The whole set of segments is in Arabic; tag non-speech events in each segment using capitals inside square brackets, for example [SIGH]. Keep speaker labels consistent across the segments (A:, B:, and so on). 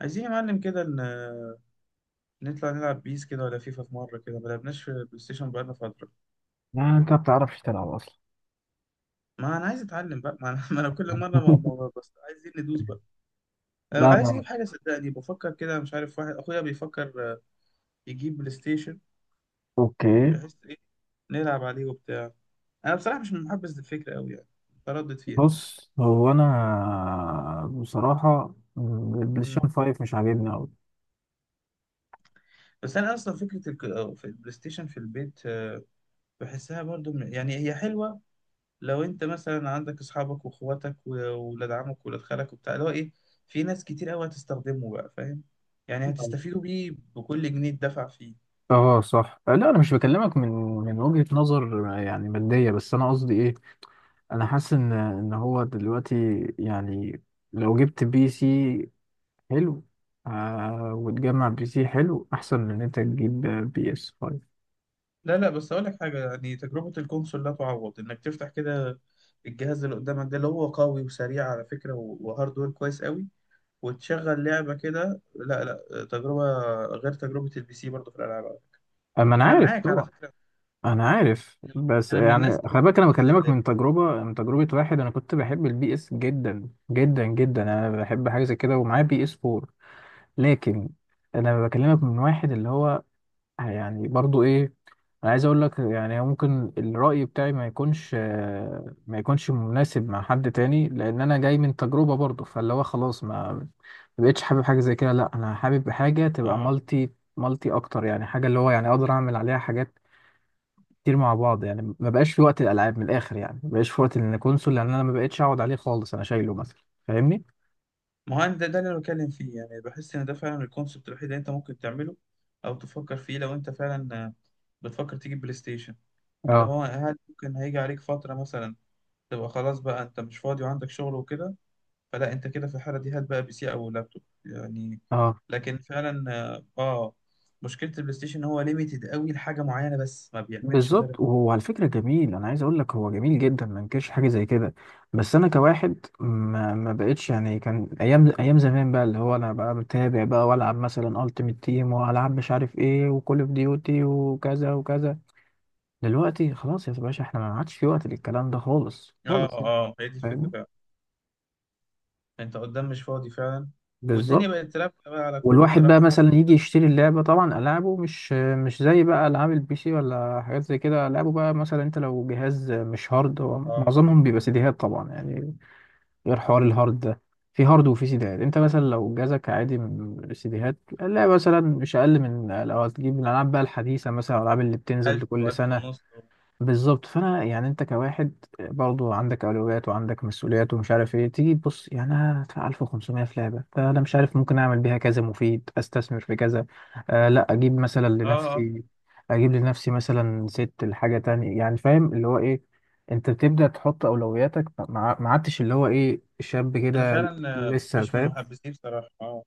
A: عايزين يا معلم كده نطلع نلعب بيس كده ولا فيفا في مرة كده ما لعبناش في البلاي ستيشن بقالنا فترة.
B: يعني انت ما بتعرفش تلعب اصلا؟
A: ما أنا عايز أتعلم بقى، ما أنا, [LAUGHS] ما أنا كل مرة
B: [LAUGHS]
A: بس عايزين ندوس بقى. أنا
B: لا،
A: عايز
B: لا.
A: أجيب حاجة، صدقني بفكر كده، مش عارف، واحد أخويا بيفكر يجيب بلاي ستيشن،
B: اوكي.
A: بحيث إيه نلعب عليه وبتاع. أنا بصراحة مش محبذ للفكرة أوي يعني، متردد فيها.
B: بص، هو انا بصراحة
A: مم.
B: البلايستيشن 5 مش عاجبني اوي.
A: بس أنا أصلا فكرة في البلاي ستيشن في البيت بحسها برضو يعني هي حلوة. لو انت مثلا عندك اصحابك واخواتك وولاد عمك وولاد خالك وبتاع، اللي هو ايه، في ناس كتير قوي هتستخدمه بقى، فاهم؟ يعني هتستفيدوا بيه بكل جنيه اتدفع فيه.
B: اه صح. لا، انا مش بكلمك من وجهة نظر يعني مادية، بس انا قصدي ايه. انا حاسس ان هو دلوقتي يعني لو جبت بي سي حلو، وتجمع بي سي حلو احسن من ان انت تجيب بي اس 5.
A: لا لا، بس اقول لك حاجه، يعني تجربه الكونسول لا تعوض. انك تفتح كده الجهاز اللي قدامك ده، اللي هو قوي وسريع على فكره، وهاردوير كويس قوي، وتشغل لعبه كده، لا لا، تجربه غير تجربه البي سي برضه في الالعاب.
B: اما انا
A: انا
B: عارف
A: معاك على
B: طبعا،
A: فكره.
B: انا عارف. بس
A: انا من
B: يعني
A: الناس
B: خلي
A: اللي
B: بالك، انا
A: بتحبذ
B: بكلمك
A: البي
B: من تجربه واحد انا كنت بحب البي اس جدا جدا جدا. انا بحب حاجه زي كده، ومعايا بي اس 4. لكن انا بكلمك من واحد اللي هو يعني برضو ايه. انا عايز اقول لك يعني ممكن الراي بتاعي ما يكونش ما يكونش مناسب مع حد تاني، لان انا جاي من تجربه برضو، فاللي هو خلاص ما بقتش حابب حاجه زي كده. لا، انا حابب حاجه تبقى
A: سي.
B: مالتي، مالتي اكتر يعني، حاجه اللي هو يعني اقدر اعمل عليها حاجات كتير مع بعض. يعني ما بقاش في وقت الالعاب، من الاخر يعني ما بقاش في وقت ان كونسول، لان انا ما بقتش اقعد عليه خالص. انا شايله مثلا، فاهمني.
A: ما هو أنا ده اللي أنا بتكلم فيه، يعني بحس إن ده فعلا الكونسبت الوحيد اللي أنت ممكن تعمله أو تفكر فيه لو أنت فعلا بتفكر تجيب بلاي ستيشن. اللي
B: اه،
A: هو هل ممكن هيجي عليك فترة مثلا تبقى خلاص بقى أنت مش فاضي وعندك شغل وكده؟ فلا أنت كده في الحالة دي هات بقى بي سي أو لابتوب يعني.
B: اه.
A: لكن فعلا مشكلة البلاي ستيشن إن هو ليميتد قوي لحاجة معينة بس، ما بيعملش غيرها.
B: بالظبط، وهو على فكره جميل، انا عايز اقول لك هو جميل جدا، ما انكرش حاجه زي كده. بس انا كواحد ما بقتش يعني. كان ايام ايام زمان بقى اللي هو انا بقى متابع بقى والعب مثلا التيمت تيم، والعب مش عارف ايه، وكول اوف ديوتي، وكذا وكذا. دلوقتي خلاص يا باشا، احنا ما عادش في وقت للكلام ده خالص خالص يعني.
A: هي دي الفكرة
B: فاهمني.
A: فعلا. أنت قدام مش فاضي فعلا، والدنيا
B: بالظبط.
A: بقت تلعب بقى على كله
B: والواحد بقى
A: بصراحة حتى.
B: مثلا يجي يشتري اللعبة، طبعا ألعابه مش زي بقى ألعاب البي سي ولا حاجات زي كده. ألعابه بقى مثلا، أنت لو جهاز مش هارد، هو
A: آه،
B: معظمهم بيبقى سيديهات طبعا يعني. غير حوار الهارد ده، في هارد وفي سيديهات. أنت مثلا لو جهازك عادي من سيديهات، اللعبة مثلا مش أقل من لو هتجيب الألعاب بقى الحديثة، مثلا الألعاب اللي بتنزل
A: ألف
B: كل
A: وألف
B: سنة.
A: ونص.
B: بالظبط. فانا يعني انت كواحد برضو عندك اولويات وعندك مسؤوليات ومش عارف ايه. تيجي تبص يعني، انا هدفع 1500 في لعبه، فانا مش عارف، ممكن اعمل بيها كذا مفيد، استثمر في كذا. لا اجيب مثلا
A: اه اه،
B: لنفسي، اجيب لنفسي مثلا ست لحاجه تانية يعني، فاهم اللي هو ايه. انت بتبدا تحط اولوياتك، ما عدتش اللي هو ايه شاب
A: انا
B: كده.
A: فعلا
B: لسه
A: مش من
B: فاهم.
A: محبسيه بصراحه. اه،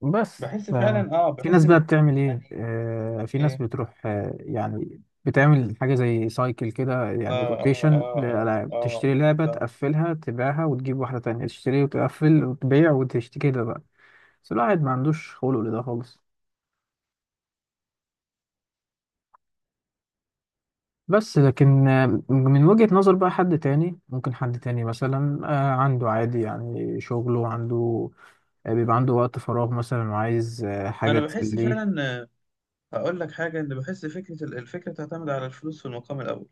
B: بس
A: بحس
B: ف-
A: فعلا، اه
B: في
A: بحس
B: ناس بقى
A: ان،
B: بتعمل ايه،
A: يعني
B: في ناس
A: إيه،
B: بتروح، يعني بتعمل حاجة زي سايكل كده،
A: اه
B: يعني
A: اه
B: روتيشن
A: اه اه
B: للألعاب.
A: اه
B: تشتري
A: اه،
B: لعبة،
A: فاهم.
B: تقفلها، تبيعها، وتجيب واحدة تانية، تشتري وتقفل وتبيع وتشتري كده بقى. بس الواحد ما عندوش خلق لده خالص. بس لكن، من وجهة نظر بقى حد تاني، ممكن حد تاني مثلا عنده عادي يعني، شغله عنده، بيبقى عنده وقت فراغ مثلا، وعايز حاجة
A: انا بحس
B: تسليه.
A: فعلا هقول لك حاجه، ان بحس فكره الفكره تعتمد على الفلوس في المقام الاول.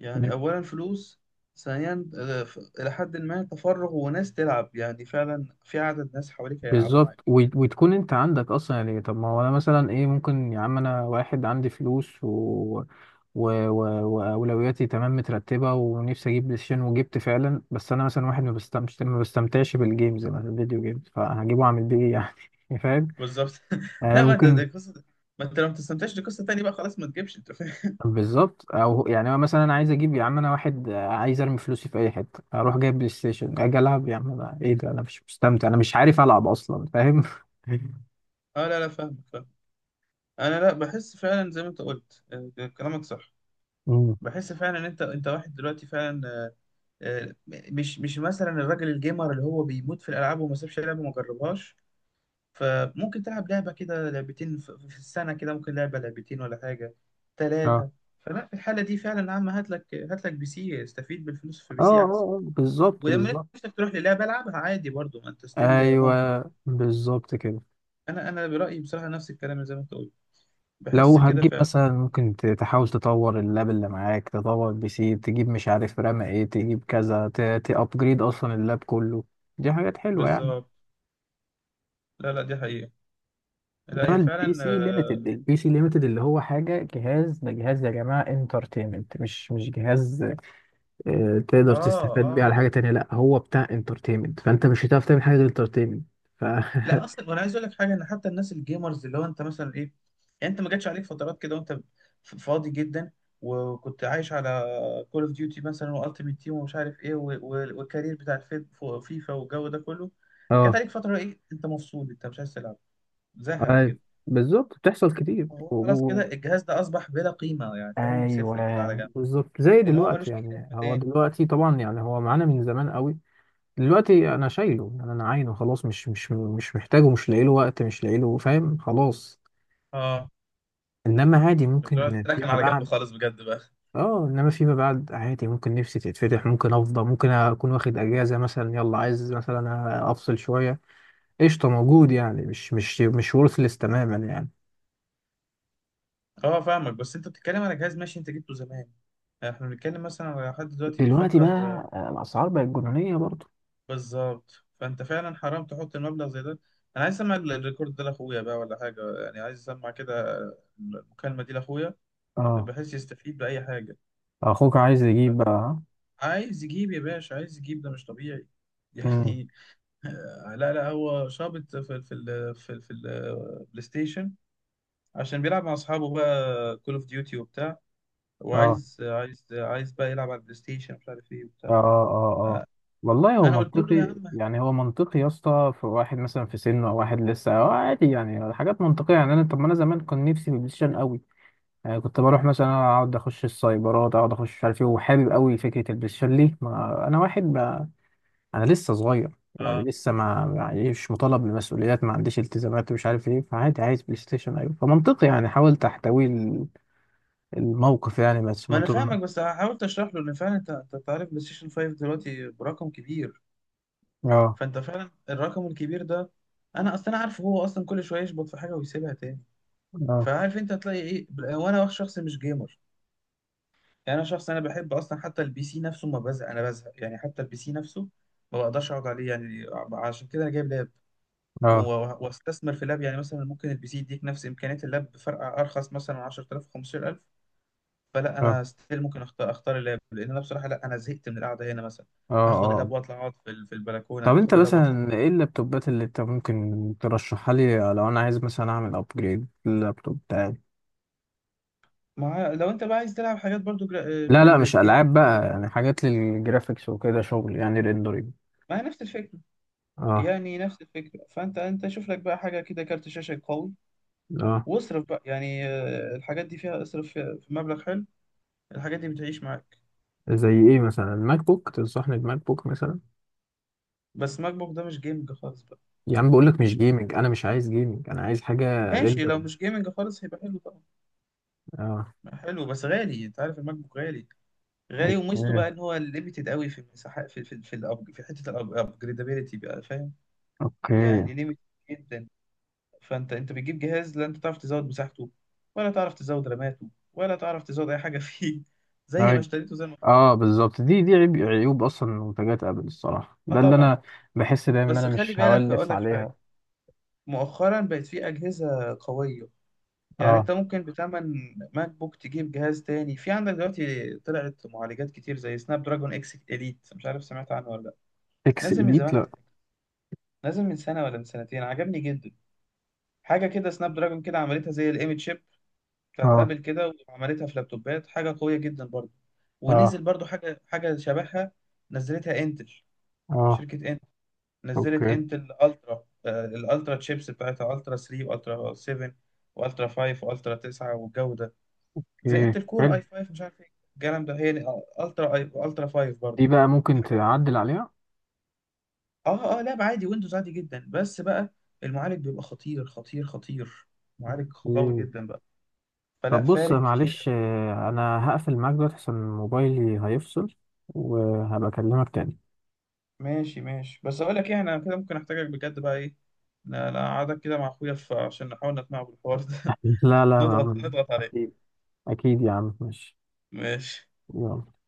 A: يعني اولا فلوس، ثانيا الى حد ما تفرغ، وناس تلعب، يعني فعلا في عدد ناس حواليك هيلعبوا
B: بالظبط،
A: معاك.
B: وتكون انت عندك اصلا يعني. طب ما هو انا مثلا ايه، ممكن يا عم انا واحد عندي فلوس و... و... واولوياتي تمام مترتبه، ونفسي اجيب بلاي ستيشن، وجبت فعلا. بس انا مثلا واحد ما بستمتعش بالجيمز، مثلا الفيديو جيمز، فهجيبه اعمل بيه ايه يعني [LAUGHS] فاهم
A: بالظبط. [LAUGHS]
B: يعني،
A: لا، ما ده
B: ممكن.
A: ده قصه. ما انت لو ما بتستمتعش دي قصه تانيه بقى، خلاص ما تجيبش، انت فاهم.
B: بالظبط، او يعني هو مثلا، انا عايز اجيب يا عم، انا واحد عايز ارمي فلوسي في اي حته، اروح جايب بلاي ستيشن، اجي العب. يا عم انا ايه ده، انا مش مستمتع، انا مش عارف العب اصلا، فاهم. [LAUGHS]
A: اه لا لا، فاهم. انا لا، بحس فعلا زي ما انت قلت كلامك صح.
B: مم.
A: بحس فعلا ان انت واحد دلوقتي فعلا آه، مش مثلا الراجل الجيمر اللي هو بيموت في الالعاب وما سابش لعبه وما جربهاش. فممكن تلعب لعبه كده، لعبتين في السنه، كده ممكن لعبه لعبتين ولا حاجه،
B: اه،
A: ثلاثه. فلا في الحاله دي فعلا يا عم هات لك، هات لك بي سي، استفيد بالفلوس في بي
B: اه،
A: سي احسن.
B: اه. بالظبط،
A: ولما
B: بالظبط.
A: نفسك تروح للعبه، العبها عادي برضو، ما انت ستيل ممكن.
B: ايوه، بالظبط كده.
A: انا انا برايي بصراحه نفس الكلام زي ما انت قلت،
B: لو
A: بحس كده
B: هتجيب
A: فعلا.
B: مثلا، ممكن تحاول تطور اللاب اللي معاك، تطور بي سي، تجيب مش عارف رام ايه، تجيب كذا، تابجريد اصلا اللاب كله. دي حاجات حلوه يعني.
A: بالظبط، لا لا، دي حقيقه. لا
B: انما
A: هي
B: البي
A: فعلا،
B: سي ليميتد
A: اه
B: البي سي ليميتد اللي هو حاجه. جهاز ده جهاز يا جماعه انترتينمنت، مش جهاز تقدر
A: اه
B: تستفاد بيه على حاجه تانية. لا، هو بتاع انترتينمنت، فانت مش هتعرف تعمل حاجه غير انترتينمنت. ف
A: لا اصلا
B: [LAUGHS]
A: وانا عايز اقول لك حاجه، ان حتى الناس الجيمرز اللي هو انت مثلا ايه، يعني انت ما جاتش عليك فترات كده وانت فاضي جدا وكنت عايش على كول اوف ديوتي مثلا والتيمت تيم ومش عارف ايه و- و- والكارير بتاع فيفا والجو ده كله. جات
B: اه.
A: عليك فتره ايه، انت مفصول، انت مش عايز تلعب، زهق
B: أي-
A: كده.
B: بالظبط، بتحصل كتير
A: هو خلاص كده الجهاز ده اصبح بلا قيمه يعني فاهم،
B: ايوه،
A: صفر كده على جنب.
B: بالظبط زي
A: لان هو
B: دلوقتي
A: ملوش اي
B: يعني.
A: لازمه
B: هو
A: تاني.
B: دلوقتي طبعا يعني هو معانا من زمان قوي. دلوقتي انا شايله يعني، انا عاينه خلاص، مش محتاجه، مش لاقي له وقت، مش لاقي له فاهم خلاص.
A: اه،
B: انما عادي
A: لا،
B: ممكن
A: ده كان
B: فيما
A: على جنب
B: بعد.
A: خالص بجد بقى.
B: اه. انما فيما بعد عادي، ممكن نفسي تتفتح، ممكن افضى، ممكن اكون واخد اجازه مثلا، يلا عايز مثلا افصل شويه، قشطه موجود يعني، مش worthless تماما يعني.
A: اه فاهمك، بس انت بتتكلم على جهاز ماشي، انت جبته زمان، يعني احنا بنتكلم مثلا على حد دلوقتي
B: دلوقتي
A: بيفكر
B: بقى، الاسعار بقت جنونيه برضه.
A: بالظبط، فانت فعلا حرام تحط المبلغ زي ده. انا عايز اسمع الريكورد ده لاخويا بقى ولا حاجه، يعني عايز اسمع كده المكالمه دي لاخويا،
B: اه.
A: بحيث يستفيد باي حاجه.
B: اخوك عايز يجيب بقى.
A: عايز يجيب يا باشا عايز يجيب، ده مش طبيعي [LAUGHS]
B: امم.
A: يعني. لا لا، هو شابط في في البلاي ستيشن عشان بيلعب مع اصحابه بقى كول اوف ديوتي وبتاع،
B: اه،
A: وعايز عايز عايز بقى يلعب على البلاي ستيشن مش عارف ايه
B: اه،
A: وبتاع.
B: اه، اه. آه. والله هو
A: انا قلت له يا
B: منطقي
A: عم.
B: يعني، هو منطقي يا اسطى. في واحد مثلا في سنه، او واحد لسه عادي يعني، حاجات منطقيه يعني. انا طب ما انا زمان كان نفسي في البلاي ستيشن قوي يعني، كنت بروح مثلا اقعد اخش السايبرات، اقعد اخش مش عارف ايه، وحابب قوي فكره البلاي ستيشن. ليه؟ ما انا واحد ما، انا لسه صغير يعني،
A: اه،
B: لسه ما يعني مش مطالب بمسؤوليات، ما عنديش التزامات، ومش عارف ايه، فعادي عايز بلاي ستيشن، ايوه. فمنطقي يعني، حاولت احتوي الموقف يعني، بس
A: ما
B: ما.
A: انا فاهمك، بس حاولت اشرح له ان فعلا انت، انت تعرف بلاي ستيشن 5 دلوقتي برقم كبير،
B: اه،
A: فانت فعلا الرقم الكبير ده، انا اصلا عارف هو اصلا كل شويه يشبط في حاجه ويسيبها تاني،
B: اه،
A: فعارف انت هتلاقي ايه وانا شخص مش جيمر. يعني انا شخص انا بحب اصلا حتى البي سي نفسه ما بزهق، انا بزهق يعني حتى البي سي نفسه ما بقدرش اقعد عليه يعني. عشان كده انا جايب لاب
B: اه،
A: واستثمر في لاب، يعني مثلا ممكن البي سي يديك نفس امكانيات اللاب بفرق ارخص مثلا 10,000 15,000. فلا
B: اه،
A: انا ستيل ممكن اختار اللاب، لان انا بصراحه لا انا زهقت من القعده هنا مثلا.
B: اه،
A: فاخد
B: اه.
A: اللاب واطلع اقعد في في البلكونه،
B: طب انت
A: اخد اللاب واطلع.
B: مثلا ايه اللابتوبات اللي انت ممكن ترشحها لي، لو انا عايز مثلا اعمل ابجريد لللابتوب بتاعي؟
A: مع لو انت بقى عايز تلعب حاجات برضو جرا... آه،
B: لا،
A: من
B: لا، مش
A: الجيم،
B: العاب بقى يعني، حاجات للجرافيكس وكده، شغل يعني ريندرينج.
A: ما هي نفس الفكره،
B: اه،
A: يعني نفس الفكره. فانت انت شوف لك بقى حاجه كده، كارت شاشه قوي،
B: اه.
A: واصرف بقى يعني الحاجات دي فيها اصرف فيها في مبلغ حلو، الحاجات دي بتعيش معاك.
B: زي ايه مثلا، الماك بوك؟ تنصحني بماك بوك مثلا؟
A: بس ماك بوك ده مش جيمنج خالص بقى.
B: يا عم بقول لك مش
A: مش جيمنج.
B: جيمنج، انا مش عايز جيمنج، انا عايز حاجه
A: ماشي، لو
B: ريندرينج.
A: مش جيمنج خالص هيبقى حلو طبعا.
B: اه.
A: حلو بس غالي، انت عارف الماك بوك غالي، غالي، وميزته بقى
B: اوكي،
A: ان هو ليميتد قوي في المساحه في في حته الابجريدابيلتي بقى، فاهم؟
B: اوكي.
A: يعني ليميتد جدا. فانت انت بتجيب جهاز لا انت تعرف تزود مساحته، ولا تعرف تزود راماته، ولا تعرف تزود اي حاجه فيه [LAUGHS] زي ما
B: طيب.
A: اشتريته زي ما.
B: اه، بالظبط. دي عيوب اصلا منتجات ابل الصراحه،
A: اه
B: ده اللي
A: طبعا.
B: انا بحس دايما ان
A: بس
B: انا
A: خلي
B: مش
A: بالك اقول
B: هولف
A: لك حاجه،
B: عليها.
A: مؤخرا بقت في اجهزه قويه، يعني
B: اه.
A: انت ممكن بتمن ماك بوك تجيب جهاز تاني. في عندك دلوقتي طلعت معالجات كتير زي سناب دراجون اكس اليت، مش عارف سمعت عنه ولا لا.
B: اكس
A: نازل من
B: اليت؟
A: زمان،
B: لا.
A: نازل من سنة ولا من سنتين، عجبني جدا. حاجة كده سناب دراجون كده عملتها زي الايمج شيب بتاعت
B: اه،
A: ابل كده، وعملتها في لابتوبات، حاجة قوية جدا برضه.
B: اه،
A: ونزل برضه حاجة شبهها، نزلتها انتل،
B: اه.
A: شركة انتل. نزلت
B: اوكي،
A: انتل الترا الالترا تشيبس بتاعتها، الترا 3 والترا 7 والترا 5 والترا 9 والجو ده، زي
B: اوكي،
A: انتل كور
B: حلو.
A: اي 5 مش عارف ايه الكلام ده. هي الترا اي الترا 5
B: دي
A: برضه.
B: بقى ممكن تعدل عليها.
A: اه اه، لعبة عادي، ويندوز عادي جدا، بس بقى المعالج بيبقى خطير خطير خطير، معالج قوي
B: اوكي.
A: جدا بقى. فلا،
B: طب بص،
A: فارق كتير
B: معلش،
A: قوي.
B: انا هقفل معاك دلوقتي عشان موبايلي هيفصل، وهبقى اكلمك تاني.
A: ماشي ماشي. بس اقول لك ايه، انا كده ممكن احتاجك بجد بقى ايه، لا لا، اقعدك كده مع اخويا عشان نحاول نقنعه بالحوار ده.
B: [LAUGHS] لا، لا
A: [LAUGHS]
B: يا
A: نضغط
B: عم،
A: نضغط عليه.
B: اكيد. اكيد يا عم، ماشي.
A: ماشي.
B: يلا.